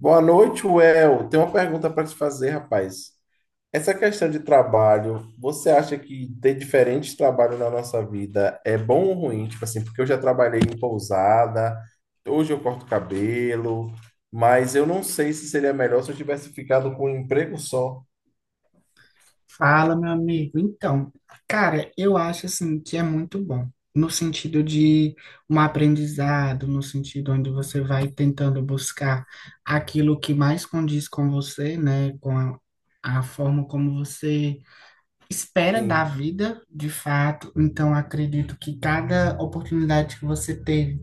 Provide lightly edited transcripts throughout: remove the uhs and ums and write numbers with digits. Boa noite, Well. Tenho uma pergunta para te fazer, rapaz. Essa questão de trabalho, você acha que ter diferentes trabalhos na nossa vida é bom ou ruim? Tipo assim, porque eu já trabalhei em pousada, hoje eu corto cabelo, mas eu não sei se seria melhor se eu tivesse ficado com um emprego só. Fala, meu amigo. Então, cara, eu acho assim que é muito bom, no sentido de um aprendizado, no sentido onde você vai tentando buscar aquilo que mais condiz com você, né, com a forma como você espera da Sim. vida, de fato. Então, acredito que cada oportunidade que você teve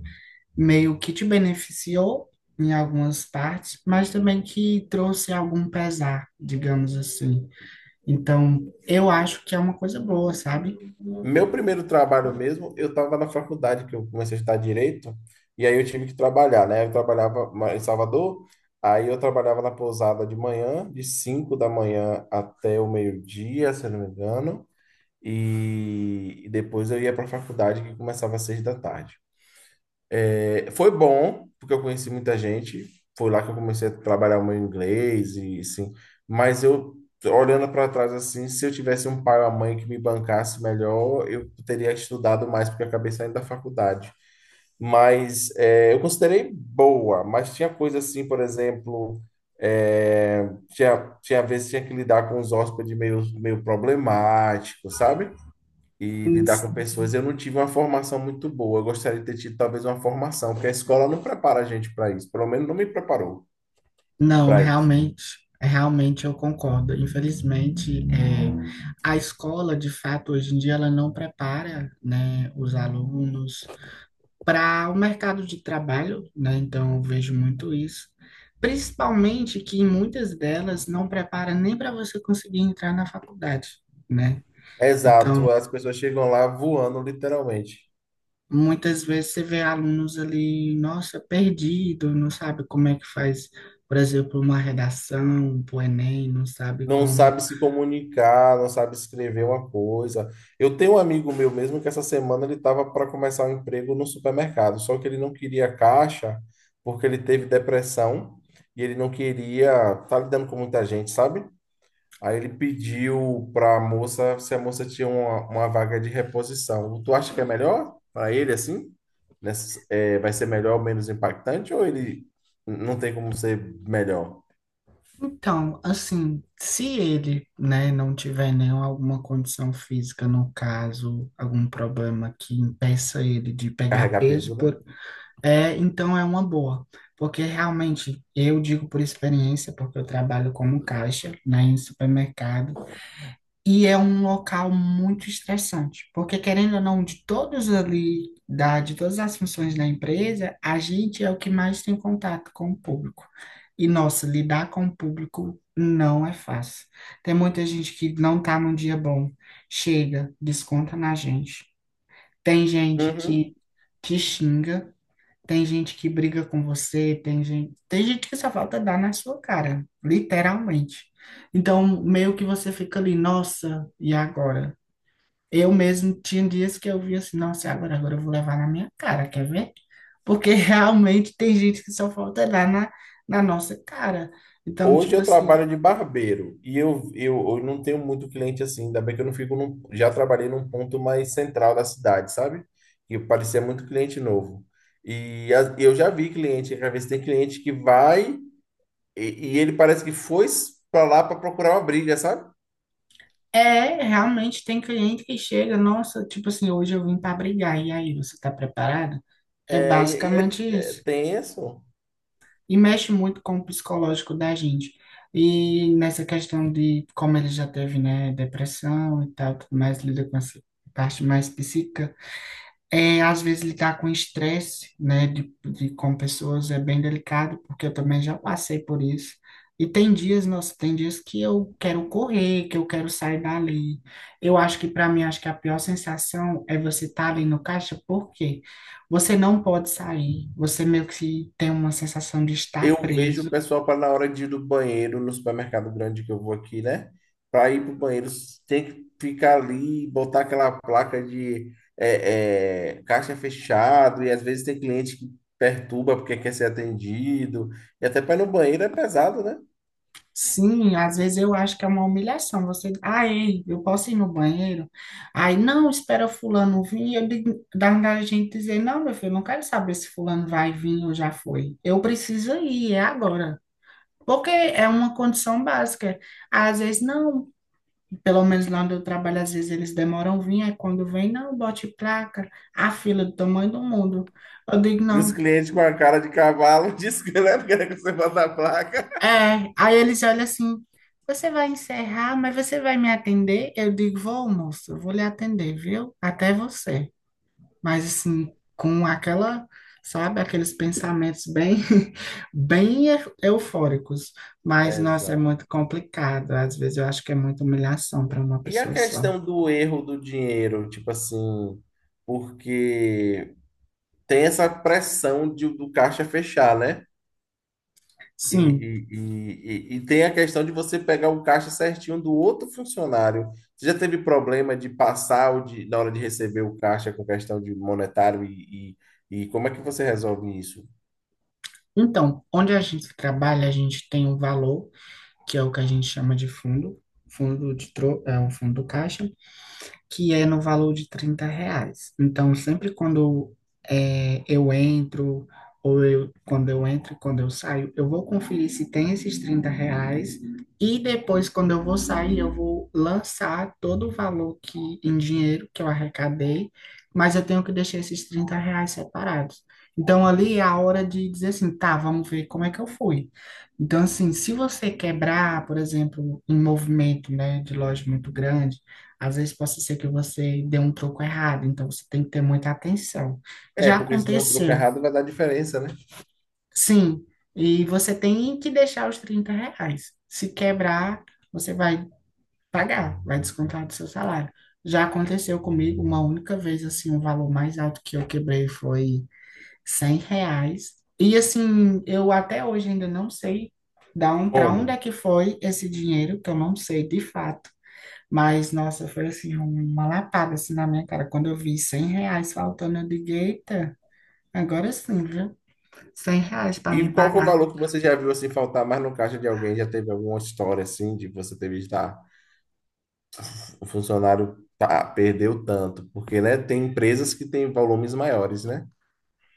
meio que te beneficiou em algumas partes, mas também que trouxe algum pesar, digamos assim. Então, eu acho que é uma coisa boa, sabe? Meu primeiro trabalho mesmo, eu estava na faculdade, que eu comecei a estudar direito, e aí eu tive que trabalhar, né? Eu trabalhava em Salvador, aí eu trabalhava na pousada de manhã, de 5 da manhã até o meio-dia, se eu não me engano, e depois eu ia para a faculdade, que começava às 6 da tarde. Foi bom, porque eu conheci muita gente. Foi lá que eu comecei a trabalhar o meu inglês e assim. Mas eu, olhando para trás assim, se eu tivesse um pai ou uma mãe que me bancasse melhor, eu teria estudado mais, porque eu acabei saindo da faculdade. Mas é, eu considerei boa, mas tinha coisa assim, por exemplo, tinha vezes que tinha que lidar com os hóspedes meio problemáticos, sabe? E Sim, lidar com pessoas. Eu não tive uma formação muito boa. Eu gostaria de ter tido talvez uma formação, porque a escola não prepara a gente para isso. Pelo menos não me preparou não, para isso. realmente eu concordo. Infelizmente, a escola, de fato, hoje em dia, ela não prepara, né, os alunos para o mercado de trabalho, né? Então, eu vejo muito isso. Principalmente que muitas delas não prepara nem para você conseguir entrar na faculdade, né? Exato, Então, as pessoas chegam lá voando, literalmente. muitas vezes você vê alunos ali, nossa, perdido, não sabe como é que faz, por exemplo, uma redação para o Enem, não sabe Não como. sabe se comunicar, não sabe escrever uma coisa. Eu tenho um amigo meu mesmo que essa semana ele estava para começar um emprego no supermercado, só que ele não queria caixa porque ele teve depressão e ele não queria estar lidando com muita gente, sabe? Aí ele pediu para a moça se a moça tinha uma vaga de reposição. Tu acha que é melhor para ele assim? É, vai ser melhor ou menos impactante? Ou ele não tem como ser melhor? Então, assim, se ele, né, não tiver nenhuma alguma condição física, no caso, algum problema que impeça ele de pegar Carregar peso, peso, né? É, então é uma boa. Porque realmente, eu digo por experiência, porque eu trabalho como caixa, né, em supermercado. E é um local muito estressante, porque querendo ou não, de todos ali, de todas as funções da empresa, a gente é o que mais tem contato com o público. E, nossa, lidar com o público não é fácil. Tem muita gente que não tá num dia bom, chega, desconta na gente. Tem gente que Uhum. te xinga, tem gente que briga com você, tem gente que só falta dar na sua cara, literalmente. Então, meio que você fica ali, nossa, e agora? Eu mesmo tinha dias que eu via assim, nossa, e agora, agora eu vou levar na minha cara, quer ver? Porque realmente tem gente que só falta dar na nossa cara. Então, Hoje tipo eu assim, trabalho de barbeiro e eu não tenho muito cliente assim, ainda bem que eu não fico num, já trabalhei num ponto mais central da cidade, sabe? E parecia muito cliente novo. E eu já vi cliente, às vezes tem cliente que vai. E, ele parece que foi pra lá pra procurar uma briga, sabe? é, realmente tem cliente que chega, nossa, tipo assim, hoje eu vim para brigar, e aí, você tá preparado? É basicamente É isso. tenso. E mexe muito com o psicológico da gente. E nessa questão de como ele já teve, né, depressão e tal, tudo mais, lida com essa parte mais psíquica, é, às vezes lidar com estresse, né, com pessoas é bem delicado, porque eu também já passei por isso. E tem dias, nossa, tem dias que eu quero correr, que eu quero sair dali. Eu acho que para mim, acho que a pior sensação é você estar ali no caixa, porque você não pode sair. Você meio que tem uma sensação de estar Eu vejo preso. o pessoal para na hora de ir do banheiro no supermercado grande que eu vou aqui, né? Para ir pro banheiro, tem que ficar ali, botar aquela placa de caixa fechado, e às vezes tem cliente que perturba porque quer ser atendido. E até para ir no banheiro é pesado, né? Sim, às vezes eu acho que é uma humilhação. Você, ah, ei, eu posso ir no banheiro? Aí, não, espera fulano vir. Eu digo, dá vontade de gente dizer, não, meu filho, eu não quero saber se fulano vai vir ou já foi. Eu preciso ir, é agora. Porque é uma condição básica. Às vezes, não, pelo menos lá onde eu trabalho, às vezes eles demoram vir, aí quando vem, não, bote placa, a fila do tamanho do mundo. Eu digo, E os não. clientes com a cara de cavalo dizem que não é porque você bota a placa. É, aí eles olham assim, você vai encerrar, mas você vai me atender? Eu digo, vou, moço, eu vou lhe atender, viu? Até você. Mas assim, com aquela, sabe, aqueles pensamentos bem, bem eufóricos. Mas, nossa, é muito Exato. complicado. Às vezes eu acho que é muita humilhação para uma E a pessoa só. questão do erro do dinheiro, tipo assim, porque tem essa pressão do caixa fechar, né? E, Sim. e, e, e e tem a questão de você pegar o caixa certinho do outro funcionário. Você já teve problema de passar na hora de receber o caixa com questão de monetário e como é que você resolve isso? Então, onde a gente trabalha, a gente tem um valor, que é o que a gente chama de fundo, fundo de tro é o fundo caixa, que é no valor de 30 reais. Então, sempre quando eu entro, ou eu, quando eu entro e quando eu saio, eu vou conferir se tem esses 30 reais, e depois, quando eu vou sair, eu vou lançar todo o valor que, em dinheiro que eu arrecadei, mas eu tenho que deixar esses 30 reais separados. Então, ali é a hora de dizer assim, tá, vamos ver como é que eu fui. Então, assim, se você quebrar, por exemplo, um movimento, né, de loja muito grande, às vezes pode ser que você dê um troco errado, então você tem que ter muita atenção. É, Já porque se der um troco aconteceu, errado vai dar diferença, né? sim, e você tem que deixar os 30 reais. Se quebrar, você vai pagar, vai descontar do seu salário. Já aconteceu comigo uma única vez, assim, o valor mais alto que eu quebrei foi 100 reais. E assim, eu até hoje ainda não sei para onde Como? é que foi esse dinheiro, que eu não sei de fato. Mas, nossa, foi assim, uma lapada assim na minha cara. Quando eu vi 100 reais faltando, eu digo, eita, agora sim, viu? 100 reais para E mim qual foi o pagar. valor que você já viu assim faltar mais no caixa de alguém? Já teve alguma história assim de você ter visto? Ah, o funcionário tá, perdeu tanto, porque, né, tem empresas que têm volumes maiores, né?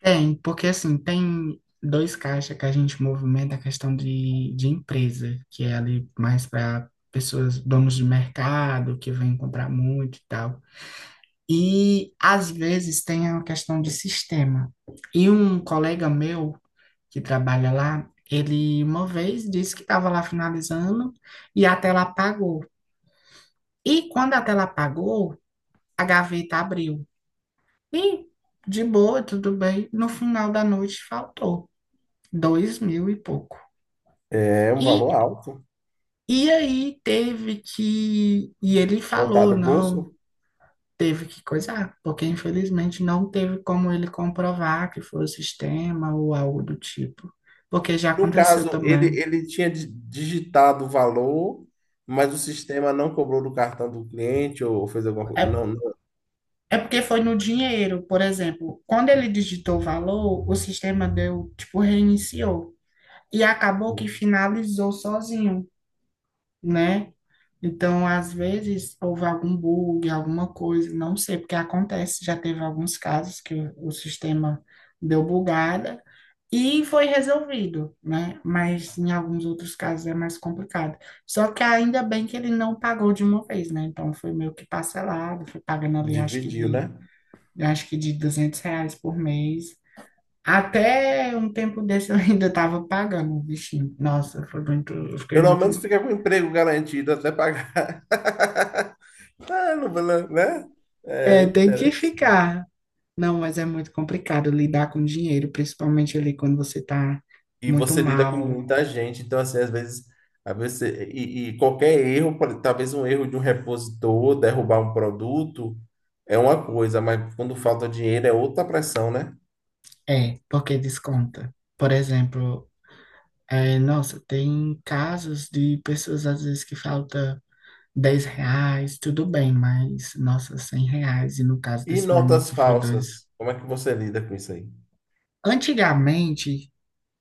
Tem, porque assim, tem dois caixas que a gente movimenta a questão de empresa, que é ali mais para pessoas, donos de mercado, que vêm comprar muito e tal. E às vezes tem a questão de sistema. E um colega meu, que trabalha lá, ele uma vez disse que estava lá finalizando e a tela apagou. E quando a tela apagou, a gaveta abriu. E de boa, tudo bem. No final da noite faltou 2.000 e pouco. É um E, valor alto, e aí teve que. E ele falou, botado no não, bolso. teve que coisar, porque infelizmente não teve como ele comprovar que foi o sistema ou algo do tipo. Porque já No aconteceu caso, ele, também. ele tinha digitado o valor, mas o sistema não cobrou do cartão do cliente ou fez alguma É coisa. Não, não, É porque foi no dinheiro, por exemplo. Quando ele digitou o valor, o sistema deu, tipo, reiniciou. E acabou que finalizou sozinho, né? Então, às vezes, houve algum bug, alguma coisa, não sei, porque acontece. Já teve alguns casos que o sistema deu bugada e foi resolvido, né? Mas em alguns outros casos é mais complicado. Só que ainda bem que ele não pagou de uma vez, né? Então, foi meio que parcelado, foi pagando ali, acho que dividiu, de né? eu acho que de 200 reais por mês. Até um tempo desse eu ainda estava pagando o bichinho. Nossa, foi muito, eu fiquei Pelo muito. menos fica com o emprego garantido até pagar. Ah, não, vou lá, né? É É, tem que interessante. ficar. Não, mas é muito complicado lidar com dinheiro, principalmente ali quando você está E muito você lida com mal. muita gente, então assim, às vezes e qualquer erro, talvez um erro de um repositor, derrubar um produto, é uma coisa, mas quando falta dinheiro é outra pressão, né? É, porque desconta. Por exemplo, nossa, tem casos de pessoas às vezes que falta 10 reais, tudo bem, mas nossa, 100 reais. E no caso E desse meu amigo notas que foi dois. falsas, como é que você lida com isso aí? Antigamente,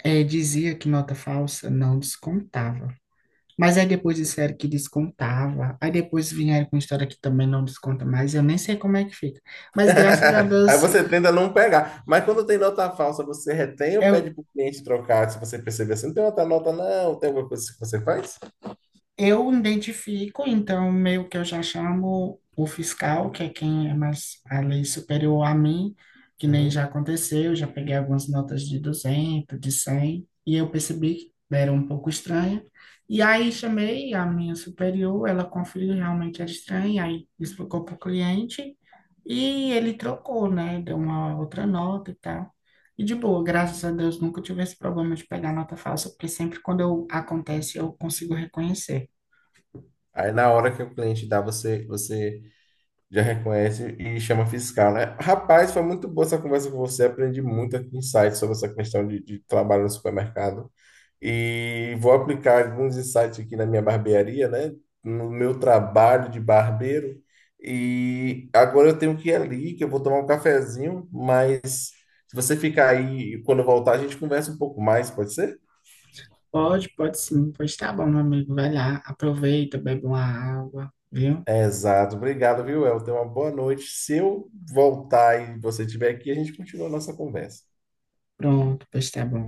é, dizia que nota falsa não descontava. Mas aí depois disseram que descontava. Aí depois vieram com história que também não desconta mais. Eu nem sei como é que fica. Mas graças a Aí Deus, você tenta não pegar, mas quando tem nota falsa, você retém ou pede eu, para o cliente trocar, se você perceber assim, não tem outra nota não, tem alguma coisa que você faz? eu identifico, então, meio que eu já chamo o fiscal, que é quem é mais a lei superior a mim, que nem Uhum. já aconteceu, já peguei algumas notas de 200, de 100, e eu percebi que era um pouco estranha. E aí chamei a minha superior, ela conferiu realmente era estranha, aí explicou para o cliente, e ele trocou, né? Deu uma outra nota e tal. E de boa, graças a Deus, nunca tive esse problema de pegar nota falsa, porque sempre quando eu, acontece eu consigo reconhecer. Aí na hora que o cliente dá, você já reconhece e chama fiscal, né? Rapaz, foi muito boa essa conversa com você. Aprendi muito aqui insights sobre essa questão de trabalho no supermercado. E vou aplicar alguns insights aqui na minha barbearia, né? No meu trabalho de barbeiro. E agora eu tenho que ir ali, que eu vou tomar um cafezinho. Mas se você ficar aí, quando eu voltar, a gente conversa um pouco mais, pode ser? Pode, pode sim. Pois tá bom, meu amigo. Vai lá, aproveita, bebe uma água, viu? Exato, obrigado, viu, El? Tenha uma boa noite. Se eu voltar e você estiver aqui, a gente continua a nossa conversa. Pronto, pois tá bom.